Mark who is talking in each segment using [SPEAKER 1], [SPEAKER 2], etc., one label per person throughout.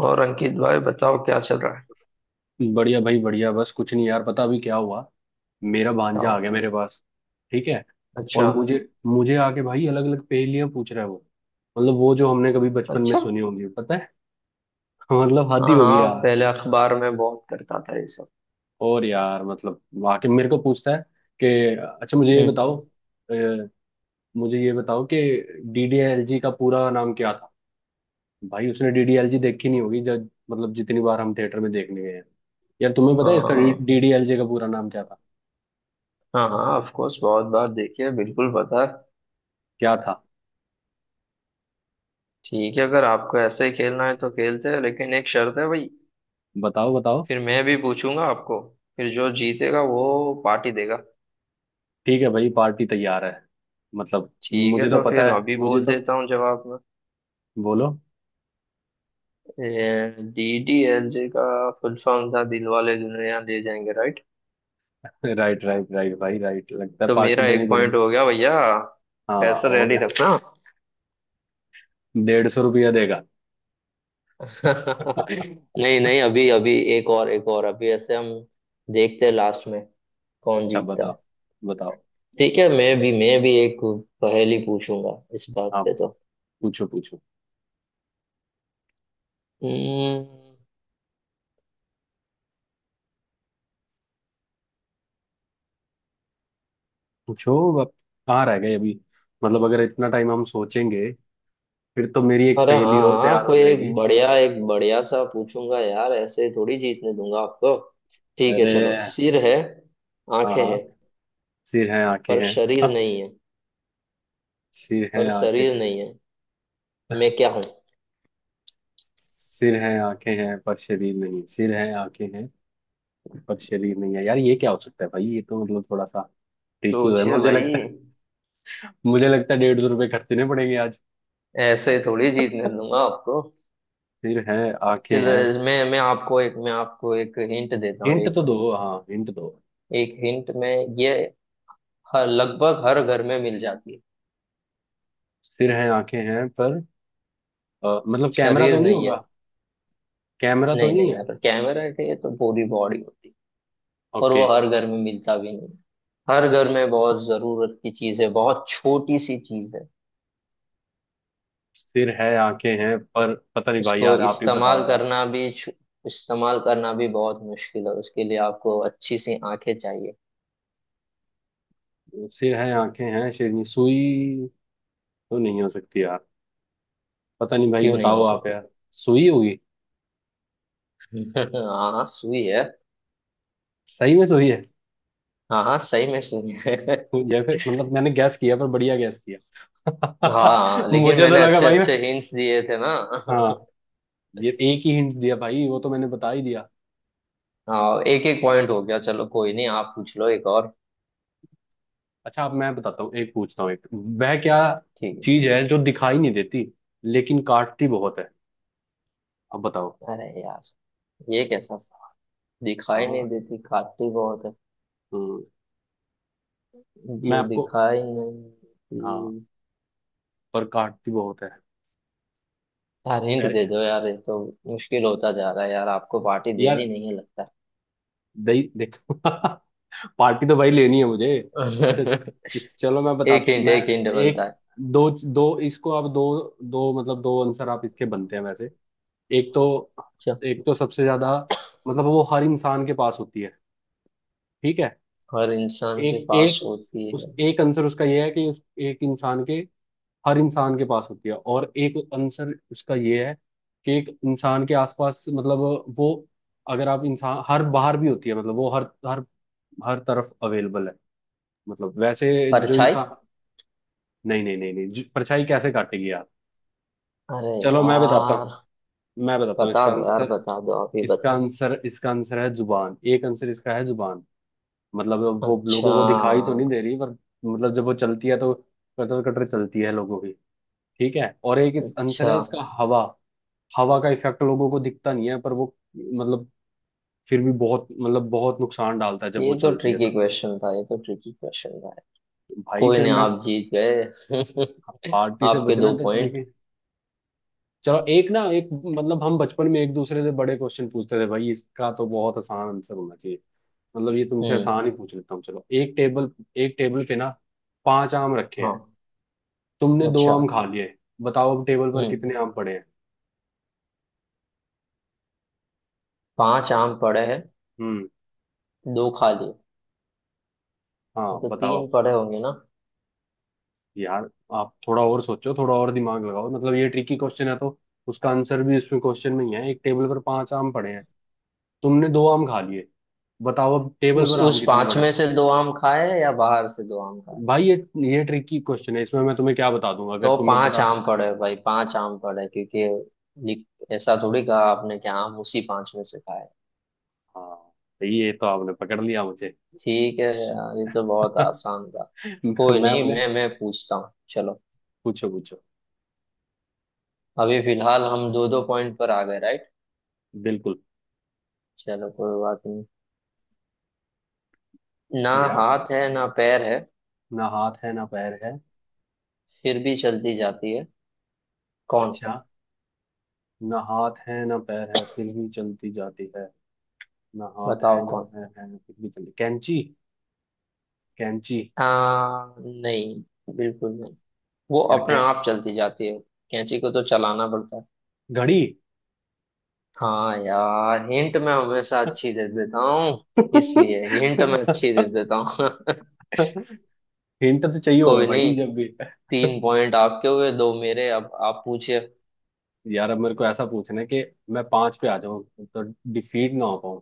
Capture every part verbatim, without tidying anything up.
[SPEAKER 1] और अंकित भाई बताओ क्या चल रहा है।
[SPEAKER 2] बढ़िया भाई, बढ़िया। बस कुछ नहीं यार, पता अभी क्या हुआ। मेरा
[SPEAKER 1] क्या
[SPEAKER 2] भांजा आ गया
[SPEAKER 1] होगा।
[SPEAKER 2] मेरे पास। ठीक है। और
[SPEAKER 1] अच्छा।
[SPEAKER 2] मुझे मुझे आके भाई अलग अलग पहेलियां पूछ रहा है वो। मतलब वो जो हमने कभी बचपन में
[SPEAKER 1] अच्छा।
[SPEAKER 2] सुनी होंगी, पता है। मतलब हद ही
[SPEAKER 1] हाँ
[SPEAKER 2] होगी
[SPEAKER 1] हाँ,
[SPEAKER 2] यार।
[SPEAKER 1] पहले अखबार में बहुत करता था ये सब।
[SPEAKER 2] और यार मतलब आके मेरे को पूछता है कि, अच्छा मुझे ये
[SPEAKER 1] हम्म।
[SPEAKER 2] बताओ। अ, मुझे ये बताओ कि डीडीएलजी का पूरा नाम क्या था? भाई उसने डीडीएलजी देखी नहीं होगी, जब मतलब जितनी बार हम थिएटर में देखने गए हैं। यार तुम्हें पता है इसका?
[SPEAKER 1] हाँ।
[SPEAKER 2] डीडीएलजे का पूरा नाम क्या था?
[SPEAKER 1] हाँ हाँ, ऑफ कोर्स, बहुत बार देखिए, बिल्कुल पता है।
[SPEAKER 2] क्या था?
[SPEAKER 1] ठीक है, अगर आपको ऐसे ही खेलना है तो खेलते हैं, लेकिन एक शर्त है भाई।
[SPEAKER 2] बताओ, बताओ।
[SPEAKER 1] फिर मैं भी पूछूंगा आपको। फिर जो जीतेगा वो पार्टी देगा।
[SPEAKER 2] ठीक है भाई, पार्टी तैयार है, मतलब।
[SPEAKER 1] ठीक है,
[SPEAKER 2] मुझे तो
[SPEAKER 1] तो
[SPEAKER 2] पता
[SPEAKER 1] फिर
[SPEAKER 2] है,
[SPEAKER 1] अभी
[SPEAKER 2] मुझे
[SPEAKER 1] बोल
[SPEAKER 2] तो।
[SPEAKER 1] देता हूँ जवाब में।
[SPEAKER 2] बोलो।
[SPEAKER 1] डी डी एल जे का फुल फॉर्म था Dil wale Dulhania le jayenge, right.
[SPEAKER 2] Right, right, right भाई, राइट लगता है
[SPEAKER 1] तो
[SPEAKER 2] पार्टी
[SPEAKER 1] मेरा
[SPEAKER 2] देनी
[SPEAKER 1] एक पॉइंट
[SPEAKER 2] पड़ेगी।
[SPEAKER 1] हो गया भैया।
[SPEAKER 2] हाँ,
[SPEAKER 1] पैसा
[SPEAKER 2] हो
[SPEAKER 1] रेडी
[SPEAKER 2] गया।
[SPEAKER 1] रखना।
[SPEAKER 2] डेढ़ सौ रुपया देगा।
[SPEAKER 1] नहीं नहीं, अभी अभी एक और, एक और अभी ऐसे हम देखते हैं लास्ट में कौन
[SPEAKER 2] अच्छा,
[SPEAKER 1] जीतता
[SPEAKER 2] बताओ।
[SPEAKER 1] है।
[SPEAKER 2] बताओ,
[SPEAKER 1] ठीक है, मैं भी मैं भी एक पहेली पूछूंगा इस बात
[SPEAKER 2] हाँ।
[SPEAKER 1] पे तो।
[SPEAKER 2] पूछो, पूछो।
[SPEAKER 1] हम्म,
[SPEAKER 2] पूछो। अब कहाँ रह गए अभी? मतलब अगर इतना टाइम हम सोचेंगे, फिर तो मेरी एक
[SPEAKER 1] अरे
[SPEAKER 2] पहेली
[SPEAKER 1] हाँ
[SPEAKER 2] और
[SPEAKER 1] हाँ,
[SPEAKER 2] तैयार हो
[SPEAKER 1] कोई एक
[SPEAKER 2] जाएगी।
[SPEAKER 1] बढ़िया, एक बढ़िया सा पूछूंगा यार, ऐसे थोड़ी जीतने दूंगा आपको। ठीक है
[SPEAKER 2] अरे
[SPEAKER 1] चलो, सिर है,
[SPEAKER 2] हाँ,
[SPEAKER 1] आंखें
[SPEAKER 2] हाँ।
[SPEAKER 1] हैं,
[SPEAKER 2] सिर है, आंखें
[SPEAKER 1] पर
[SPEAKER 2] हैं।
[SPEAKER 1] शरीर नहीं है।
[SPEAKER 2] सिर है,
[SPEAKER 1] पर
[SPEAKER 2] आंखें।
[SPEAKER 1] शरीर नहीं है, मैं क्या हूँ।
[SPEAKER 2] सिर है, आंखें हैं पर शरीर नहीं। सिर है, आंखें हैं पर शरीर नहीं है यार। ये क्या हो सकता है भाई? ये तो मतलब थोड़ा सा ट्रिकी है,
[SPEAKER 1] सोचिए
[SPEAKER 2] मुझे
[SPEAKER 1] भाई।
[SPEAKER 2] लगता है। मुझे लगता है डेढ़ सौ रुपये खर्चने पड़ेंगे आज।
[SPEAKER 1] ऐसे थोड़ी जीतने दूंगा आपको।
[SPEAKER 2] सिर है, आंखें
[SPEAKER 1] चलो
[SPEAKER 2] हैं।
[SPEAKER 1] मैं मैं आपको एक मैं आपको एक हिंट देता हूँ।
[SPEAKER 2] हिंट
[SPEAKER 1] एक
[SPEAKER 2] तो दो, हाँ हिंट दो।
[SPEAKER 1] एक हिंट में ये हर, लगभग हर घर में मिल जाती है।
[SPEAKER 2] सिर है, आंखें हैं पर, अ, मतलब कैमरा
[SPEAKER 1] शरीर
[SPEAKER 2] तो नहीं
[SPEAKER 1] नहीं
[SPEAKER 2] होगा?
[SPEAKER 1] है।
[SPEAKER 2] कैमरा तो
[SPEAKER 1] नहीं
[SPEAKER 2] नहीं
[SPEAKER 1] नहीं
[SPEAKER 2] है।
[SPEAKER 1] यार, कैमरा है तो पूरी बॉडी होती है, और
[SPEAKER 2] ओके।
[SPEAKER 1] वो हर घर में मिलता भी नहीं है। हर घर में बहुत जरूरत की चीज है, बहुत छोटी सी चीज है।
[SPEAKER 2] सिर है, आंखें हैं पर पता नहीं भाई,
[SPEAKER 1] उसको
[SPEAKER 2] यार आप ही
[SPEAKER 1] इस्तेमाल
[SPEAKER 2] बताओ यार।
[SPEAKER 1] करना भी छु- इस्तेमाल करना भी बहुत मुश्किल है, उसके लिए आपको अच्छी सी आंखें चाहिए।
[SPEAKER 2] सिर है, आंखें हैं। शेरनी? सुई तो नहीं हो सकती यार? पता नहीं भाई,
[SPEAKER 1] क्यों नहीं
[SPEAKER 2] बताओ
[SPEAKER 1] हो
[SPEAKER 2] आप
[SPEAKER 1] सकती।
[SPEAKER 2] यार। सुई होगी?
[SPEAKER 1] हाँ सुई है।
[SPEAKER 2] सही में सुई है।
[SPEAKER 1] हाँ हाँ सही में सुनिए।
[SPEAKER 2] तो ये फिर मतलब मैंने गैस किया, पर बढ़िया गैस किया।
[SPEAKER 1] हाँ लेकिन
[SPEAKER 2] मुझे तो
[SPEAKER 1] मैंने
[SPEAKER 2] लगा
[SPEAKER 1] अच्छे
[SPEAKER 2] भाई, मैं।
[SPEAKER 1] अच्छे हिंट्स दिए थे ना।
[SPEAKER 2] हाँ, ये एक ही हिंट दिया भाई वो तो, मैंने बता ही दिया।
[SPEAKER 1] हाँ, एक एक पॉइंट हो गया, चलो कोई नहीं, आप पूछ लो एक और।
[SPEAKER 2] अच्छा, अब मैं बताता हूँ, एक पूछता हूँ। एक वह क्या
[SPEAKER 1] ठीक है।
[SPEAKER 2] चीज है जो दिखाई नहीं देती लेकिन काटती बहुत है? अब बताओ।
[SPEAKER 1] अरे यार, ये कैसा सा, दिखाई
[SPEAKER 2] हाँ।
[SPEAKER 1] नहीं देती काटी बहुत है।
[SPEAKER 2] हम्म। मैं
[SPEAKER 1] जो
[SPEAKER 2] आपको,
[SPEAKER 1] दिखाई नहीं
[SPEAKER 2] हाँ,
[SPEAKER 1] देती।
[SPEAKER 2] पर काटती बहुत है।
[SPEAKER 1] यार हिंट
[SPEAKER 2] अरे
[SPEAKER 1] दे दो यार, ये तो मुश्किल होता जा रहा है यार, आपको पार्टी देनी
[SPEAKER 2] यार,
[SPEAKER 1] नहीं है लगता।
[SPEAKER 2] दही देखो। पार्टी तो भाई लेनी है मुझे। अच्छा। च- चलो मैं बता,
[SPEAKER 1] एक हिंट,
[SPEAKER 2] मैं
[SPEAKER 1] एक हिंट बनता
[SPEAKER 2] एक,
[SPEAKER 1] है।
[SPEAKER 2] दो। दो इसको आप दो, दो मतलब दो आंसर आप इसके बनते हैं वैसे। एक तो,
[SPEAKER 1] अच्छा।
[SPEAKER 2] एक तो सबसे ज्यादा मतलब वो हर इंसान के पास होती है। ठीक है।
[SPEAKER 1] हर इंसान के
[SPEAKER 2] एक
[SPEAKER 1] पास
[SPEAKER 2] एक,
[SPEAKER 1] होती
[SPEAKER 2] उस
[SPEAKER 1] है,
[SPEAKER 2] एक आंसर उसका ये है कि उस एक इंसान के, हर इंसान के पास होती है। और एक आंसर उसका ये है कि एक इंसान के आसपास मतलब, वो, अगर आप इंसान, हर बाहर भी होती है मतलब वो हर हर हर तरफ अवेलेबल है, मतलब वैसे। जो
[SPEAKER 1] परछाई।
[SPEAKER 2] इंसान, नहीं नहीं नहीं नहीं, जो- परछाई कैसे काटेगी यार?
[SPEAKER 1] अरे
[SPEAKER 2] चलो मैं बताता
[SPEAKER 1] यार
[SPEAKER 2] हूँ, मैं बताता हूँ
[SPEAKER 1] बता
[SPEAKER 2] इसका
[SPEAKER 1] दो यार,
[SPEAKER 2] आंसर।
[SPEAKER 1] बता दो, आप ही
[SPEAKER 2] इसका
[SPEAKER 1] बताओ।
[SPEAKER 2] आंसर इसका आंसर है जुबान। एक आंसर इसका है जुबान, मतलब। वो
[SPEAKER 1] अच्छा।
[SPEAKER 2] लोगों को दिखाई तो नहीं दे रही पर, मतलब जब वो चलती है तो कटर कटर चलती है लोगों की। ठीक है। और एक इस आंसर
[SPEAKER 1] अच्छा,
[SPEAKER 2] है इसका, हवा। हवा का इफेक्ट लोगों को दिखता नहीं है पर वो मतलब, फिर भी बहुत मतलब बहुत नुकसान डालता है जब वो
[SPEAKER 1] ये तो
[SPEAKER 2] चलती है
[SPEAKER 1] ट्रिकी
[SPEAKER 2] तो।
[SPEAKER 1] क्वेश्चन था, ये तो ट्रिकी क्वेश्चन था।
[SPEAKER 2] भाई
[SPEAKER 1] कोई
[SPEAKER 2] फिर
[SPEAKER 1] नहीं,
[SPEAKER 2] मैं
[SPEAKER 1] आप जीत गए।
[SPEAKER 2] पार्टी से
[SPEAKER 1] आपके
[SPEAKER 2] बचना
[SPEAKER 1] दो
[SPEAKER 2] तो ट्रिक
[SPEAKER 1] पॉइंट।
[SPEAKER 2] है। चलो एक ना एक मतलब हम बचपन में एक दूसरे से बड़े क्वेश्चन पूछते थे भाई, इसका तो बहुत आसान आंसर होना चाहिए। मतलब ये तुमसे
[SPEAKER 1] हम्म।
[SPEAKER 2] आसान ही पूछ लेता हूँ। चलो एक टेबल एक टेबल पे ना, पांच आम रखे हैं।
[SPEAKER 1] हाँ।
[SPEAKER 2] तुमने दो
[SPEAKER 1] अच्छा।
[SPEAKER 2] आम खा लिए। बताओ अब टेबल पर कितने
[SPEAKER 1] हम्म।
[SPEAKER 2] आम पड़े हैं?
[SPEAKER 1] पांच आम पड़े हैं,
[SPEAKER 2] हम्म।
[SPEAKER 1] दो खा लिए,
[SPEAKER 2] हाँ
[SPEAKER 1] मतलब
[SPEAKER 2] बताओ
[SPEAKER 1] तीन
[SPEAKER 2] अब।
[SPEAKER 1] पड़े होंगे ना।
[SPEAKER 2] यार आप थोड़ा और सोचो, थोड़ा और दिमाग लगाओ। मतलब ये ट्रिकी क्वेश्चन है तो उसका आंसर भी उसमें क्वेश्चन में ही है। एक टेबल पर पांच आम पड़े हैं, तुमने दो आम खा लिए। बताओ अब टेबल
[SPEAKER 1] उस
[SPEAKER 2] पर आम
[SPEAKER 1] उस
[SPEAKER 2] कितने
[SPEAKER 1] पांच
[SPEAKER 2] पड़े?
[SPEAKER 1] में से दो आम खाए या बाहर से दो आम खाए।
[SPEAKER 2] भाई ये ये ट्रिकी क्वेश्चन है, इसमें मैं तुम्हें क्या बता दूंगा अगर
[SPEAKER 1] तो
[SPEAKER 2] तुम्हें
[SPEAKER 1] पांच
[SPEAKER 2] बता।
[SPEAKER 1] आम पड़े हैं भाई, पांच आम पड़े हैं, क्योंकि लिख- ऐसा थोड़ी कहा आपने कि आम उसी पांच में से खाए।
[SPEAKER 2] हाँ, ये तो आपने पकड़ लिया मुझे।
[SPEAKER 1] ठीक है यार, ये तो बहुत आसान था। कोई
[SPEAKER 2] मैं
[SPEAKER 1] नहीं,
[SPEAKER 2] अपने।
[SPEAKER 1] मैं मैं पूछता हूँ चलो।
[SPEAKER 2] पूछो, पूछो।
[SPEAKER 1] अभी फिलहाल हम दो दो पॉइंट पर आ गए, राइट।
[SPEAKER 2] बिल्कुल
[SPEAKER 1] चलो कोई बात नहीं। ना
[SPEAKER 2] यार।
[SPEAKER 1] हाथ है ना पैर है,
[SPEAKER 2] ना हाथ है ना पैर है।
[SPEAKER 1] फिर भी चलती जाती है, कौन।
[SPEAKER 2] अच्छा, ना हाथ है ना पैर है फिर भी चलती जाती है। ना हाथ
[SPEAKER 1] बताओ
[SPEAKER 2] है ना
[SPEAKER 1] कौन।
[SPEAKER 2] पैर है फिर भी चलती, कैंची? कैंची।
[SPEAKER 1] आ, नहीं, बिल्कुल नहीं। वो
[SPEAKER 2] यार
[SPEAKER 1] अपने
[SPEAKER 2] कै
[SPEAKER 1] आप चलती जाती है, कैंची को तो चलाना पड़ता है।
[SPEAKER 2] घड़ी।
[SPEAKER 1] हाँ यार, हिंट मैं हमेशा अच्छी दे देता हूँ, इसलिए हिंट मैं अच्छी दे देता हूँ।
[SPEAKER 2] हिंट तो चाहिए होगा
[SPEAKER 1] कोई
[SPEAKER 2] भाई,
[SPEAKER 1] नहीं,
[SPEAKER 2] जब भी।
[SPEAKER 1] तीन पॉइंट आपके हुए, दो मेरे, अब आप पूछिए।
[SPEAKER 2] यार अब मेरे को ऐसा पूछना है कि मैं पांच पे आ जाऊं तो डिफीट ना हो पाऊं।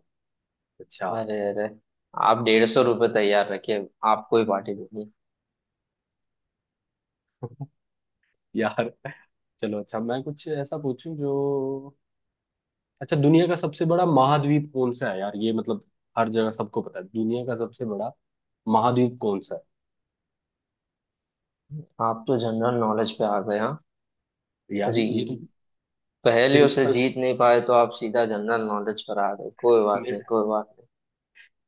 [SPEAKER 2] अच्छा।
[SPEAKER 1] अरे अरे, आप डेढ़ सौ रुपये तैयार रखिए, आपको ही पार्टी देंगे।
[SPEAKER 2] यार चलो, अच्छा मैं कुछ ऐसा पूछूं जो, अच्छा दुनिया का सबसे बड़ा महाद्वीप कौन सा है? यार ये मतलब हर जगह सबको पता है, दुनिया का सबसे बड़ा महाद्वीप कौन सा
[SPEAKER 1] आप तो जनरल नॉलेज पे आ गए, हाँ।
[SPEAKER 2] है? यार
[SPEAKER 1] अरे
[SPEAKER 2] ये तो
[SPEAKER 1] पहेलियों से
[SPEAKER 2] सिंपल।
[SPEAKER 1] जीत नहीं पाए तो आप सीधा जनरल नॉलेज पर आ गए, कोई बात नहीं,
[SPEAKER 2] मेरे,
[SPEAKER 1] कोई बात नहीं।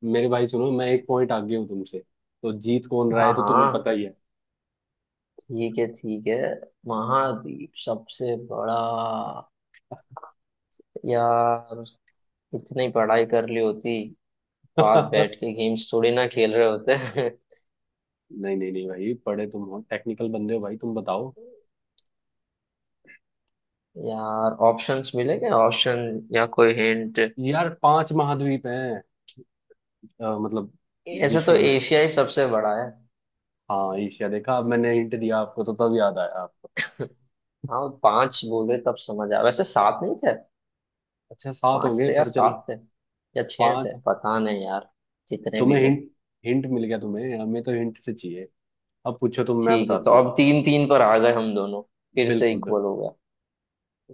[SPEAKER 2] मेरे भाई सुनो, मैं एक पॉइंट आगे हूँ तुमसे, तो जीत कौन रहा
[SPEAKER 1] हाँ
[SPEAKER 2] है तो तुम्हें पता
[SPEAKER 1] हाँ,
[SPEAKER 2] ही है।
[SPEAKER 1] ठीक है, ठीक है। महाद्वीप सबसे बड़ा। यार इतनी पढ़ाई कर ली होती तो आज
[SPEAKER 2] नहीं,
[SPEAKER 1] बैठ के गेम्स थोड़ी ना खेल रहे होते।
[SPEAKER 2] नहीं। नहीं भाई, पढ़े तुम हो, टेक्निकल बंदे हो भाई, तुम बताओ।
[SPEAKER 1] यार, ऑप्शंस मिलेंगे, ऑप्शन या कोई हिंट।
[SPEAKER 2] यार पांच महाद्वीप हैं अ, मतलब
[SPEAKER 1] ऐसे तो
[SPEAKER 2] विश्व में।
[SPEAKER 1] एशिया ही सबसे बड़ा है।
[SPEAKER 2] हाँ, ईशिया? देखा, अब मैंने हिंट दिया आपको तो तब याद आया आपको।
[SPEAKER 1] हाँ, पांच बोले तब समझ आया, वैसे सात नहीं थे।
[SPEAKER 2] अच्छा सात हो
[SPEAKER 1] पांच
[SPEAKER 2] गए,
[SPEAKER 1] थे या
[SPEAKER 2] पर
[SPEAKER 1] सात
[SPEAKER 2] चलो।
[SPEAKER 1] थे या छह थे,
[SPEAKER 2] पांच।
[SPEAKER 1] पता नहीं यार। जितने
[SPEAKER 2] तुम्हें
[SPEAKER 1] भी हो।
[SPEAKER 2] हिंट, हिंट मिल गया तुम्हें, हमें तो हिंट से चाहिए। अब पूछो तुम, मैं
[SPEAKER 1] ठीक है, तो
[SPEAKER 2] बताता
[SPEAKER 1] अब
[SPEAKER 2] हूँ।
[SPEAKER 1] तीन तीन पर आ गए हम दोनों, फिर से
[SPEAKER 2] बिल्कुल, बिल्कुल।
[SPEAKER 1] इक्वल हो गया।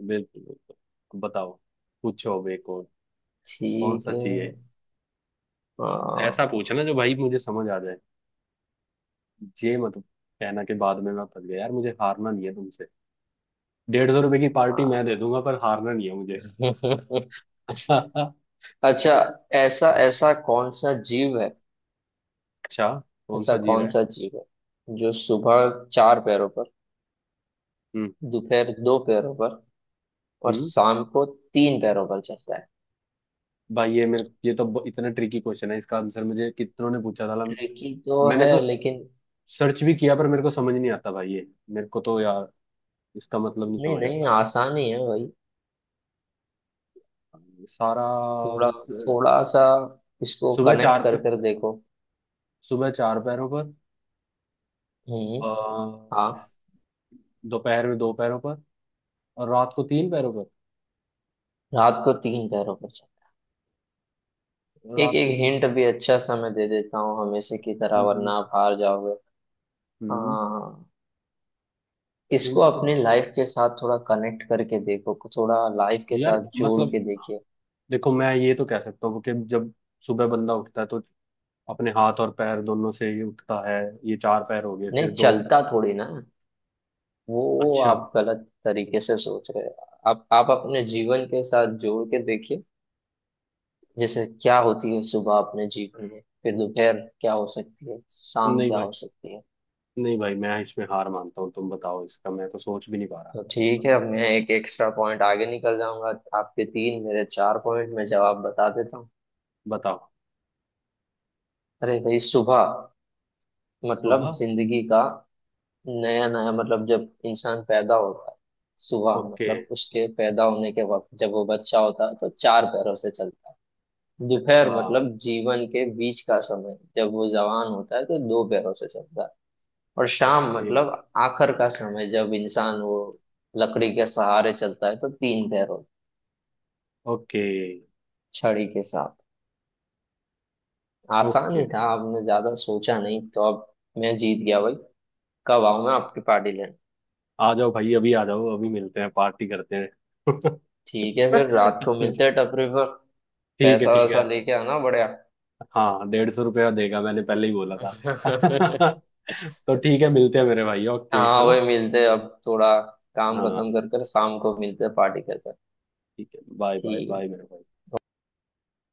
[SPEAKER 2] बिल्कुल, बिल्कुल। अब बताओ, पूछो अब एक और। कौन
[SPEAKER 1] ठीक
[SPEAKER 2] सा
[SPEAKER 1] है।
[SPEAKER 2] चाहिए? ऐसा
[SPEAKER 1] आ,
[SPEAKER 2] पूछना जो भाई मुझे समझ आ जाए। ये मत कहना के बाद में मैं फंस गया यार, मुझे हारना नहीं है तुमसे। डेढ़ सौ रुपए की
[SPEAKER 1] आ,
[SPEAKER 2] पार्टी मैं दे दूंगा, पर हारना नहीं है मुझे।
[SPEAKER 1] अच्छा। ऐसा, ऐसा कौन सा जीव है।
[SPEAKER 2] अच्छा, कौन
[SPEAKER 1] ऐसा
[SPEAKER 2] सा जीव
[SPEAKER 1] कौन
[SPEAKER 2] है?
[SPEAKER 1] सा जीव है जो सुबह चार पैरों पर,
[SPEAKER 2] हम्म।
[SPEAKER 1] दोपहर दो पैरों पर, और
[SPEAKER 2] हम्म।
[SPEAKER 1] शाम को तीन पैरों पर चलता है।
[SPEAKER 2] भाई ये मेरे, ये तो ब- इतना ट्रिकी क्वेश्चन है, इसका आंसर मुझे कितनों ने पूछा था ला-
[SPEAKER 1] ट्रिकी तो
[SPEAKER 2] मैंने
[SPEAKER 1] है
[SPEAKER 2] तो
[SPEAKER 1] लेकिन,
[SPEAKER 2] सर्च भी किया पर मेरे को समझ नहीं आता भाई ये। मेरे को तो यार इसका मतलब नहीं
[SPEAKER 1] नहीं
[SPEAKER 2] समझ
[SPEAKER 1] नहीं
[SPEAKER 2] आता
[SPEAKER 1] आसान ही है भाई,
[SPEAKER 2] सारा
[SPEAKER 1] थोड़ा,
[SPEAKER 2] आंसर-।
[SPEAKER 1] थोड़ा सा इसको
[SPEAKER 2] सुबह
[SPEAKER 1] कनेक्ट
[SPEAKER 2] चार पे
[SPEAKER 1] कर कर देखो।
[SPEAKER 2] सुबह चार पैरों पर,
[SPEAKER 1] हम्म।
[SPEAKER 2] अ,
[SPEAKER 1] हाँ।
[SPEAKER 2] दोपहर में दो पैरों पर और रात को तीन पैरों पर।
[SPEAKER 1] रात को तीन पैरों पर चलता है। एक
[SPEAKER 2] रात
[SPEAKER 1] एक
[SPEAKER 2] को तीन।
[SPEAKER 1] हिंट भी अच्छा सा मैं दे देता हूँ हमेशा की तरह, वरना
[SPEAKER 2] हम्म।
[SPEAKER 1] आप हार जाओगे।
[SPEAKER 2] हम्म।
[SPEAKER 1] हाँ। इसको
[SPEAKER 2] हिंट तो,
[SPEAKER 1] अपनी लाइफ के साथ थोड़ा कनेक्ट करके देखो, थोड़ा लाइफ के
[SPEAKER 2] यार
[SPEAKER 1] साथ जोड़
[SPEAKER 2] मतलब,
[SPEAKER 1] के देखिए।
[SPEAKER 2] देखो मैं ये तो कह सकता हूँ कि जब सुबह बंदा उठता है तो अपने हाथ और पैर दोनों से ही उठता है। ये चार पैर हो गए, फिर
[SPEAKER 1] नहीं
[SPEAKER 2] दो।
[SPEAKER 1] चलता थोड़ी ना, वो वो
[SPEAKER 2] अच्छा।
[SPEAKER 1] आप गलत तरीके से सोच रहे हैं। आप आप अपने जीवन के साथ जोड़ के देखिए। जैसे क्या होती है सुबह अपने जीवन में, फिर दोपहर क्या हो सकती है, शाम
[SPEAKER 2] नहीं
[SPEAKER 1] क्या
[SPEAKER 2] भाई,
[SPEAKER 1] हो सकती है।
[SPEAKER 2] नहीं भाई, मैं इसमें हार मानता हूँ, तुम बताओ इसका, मैं तो सोच भी नहीं पा रहा
[SPEAKER 1] तो
[SPEAKER 2] मतलब।
[SPEAKER 1] ठीक है, अब मैं एक एक्स्ट्रा पॉइंट आगे निकल जाऊंगा, आपके तीन मेरे चार पॉइंट में जवाब बता देता हूँ।
[SPEAKER 2] बताओ।
[SPEAKER 1] अरे भाई, सुबह मतलब
[SPEAKER 2] सुबह।
[SPEAKER 1] जिंदगी का नया नया, मतलब जब इंसान पैदा होता है। सुबह
[SPEAKER 2] ओके।
[SPEAKER 1] मतलब उसके पैदा होने के वक्त, जब वो बच्चा होता है तो चार पैरों से चलता है।
[SPEAKER 2] अच्छा।
[SPEAKER 1] दोपहर मतलब जीवन के बीच का समय, जब वो जवान होता है तो दो पैरों से चलता है। और शाम
[SPEAKER 2] ओके।
[SPEAKER 1] मतलब आखिर का समय, जब इंसान वो लकड़ी के सहारे चलता है तो तीन पैरों,
[SPEAKER 2] ओके।
[SPEAKER 1] छड़ी के साथ। आसान
[SPEAKER 2] ओके।
[SPEAKER 1] ही था, आपने ज्यादा सोचा नहीं, तो अब मैं जीत गया भाई। कब आऊं मैं आपकी पार्टी लेने।
[SPEAKER 2] आ जाओ भाई, अभी आ जाओ, अभी मिलते हैं, पार्टी करते हैं।
[SPEAKER 1] ठीक है, फिर रात को मिलते हैं टपरी पर,
[SPEAKER 2] ठीक है,
[SPEAKER 1] पैसा
[SPEAKER 2] ठीक
[SPEAKER 1] वैसा
[SPEAKER 2] है।
[SPEAKER 1] लेके आना बढ़िया।
[SPEAKER 2] हाँ, डेढ़ सौ रुपया देगा, मैंने पहले ही बोला था। तो ठीक है, मिलते हैं मेरे भाई, ओके है
[SPEAKER 1] हाँ
[SPEAKER 2] ना?
[SPEAKER 1] वही मिलते हैं, अब थोड़ा काम खत्म
[SPEAKER 2] हाँ,
[SPEAKER 1] कर कर शाम को मिलते हैं, पार्टी कर कर।
[SPEAKER 2] ठीक है। बाय बाय
[SPEAKER 1] ठीक है।
[SPEAKER 2] बाय मेरे भाई।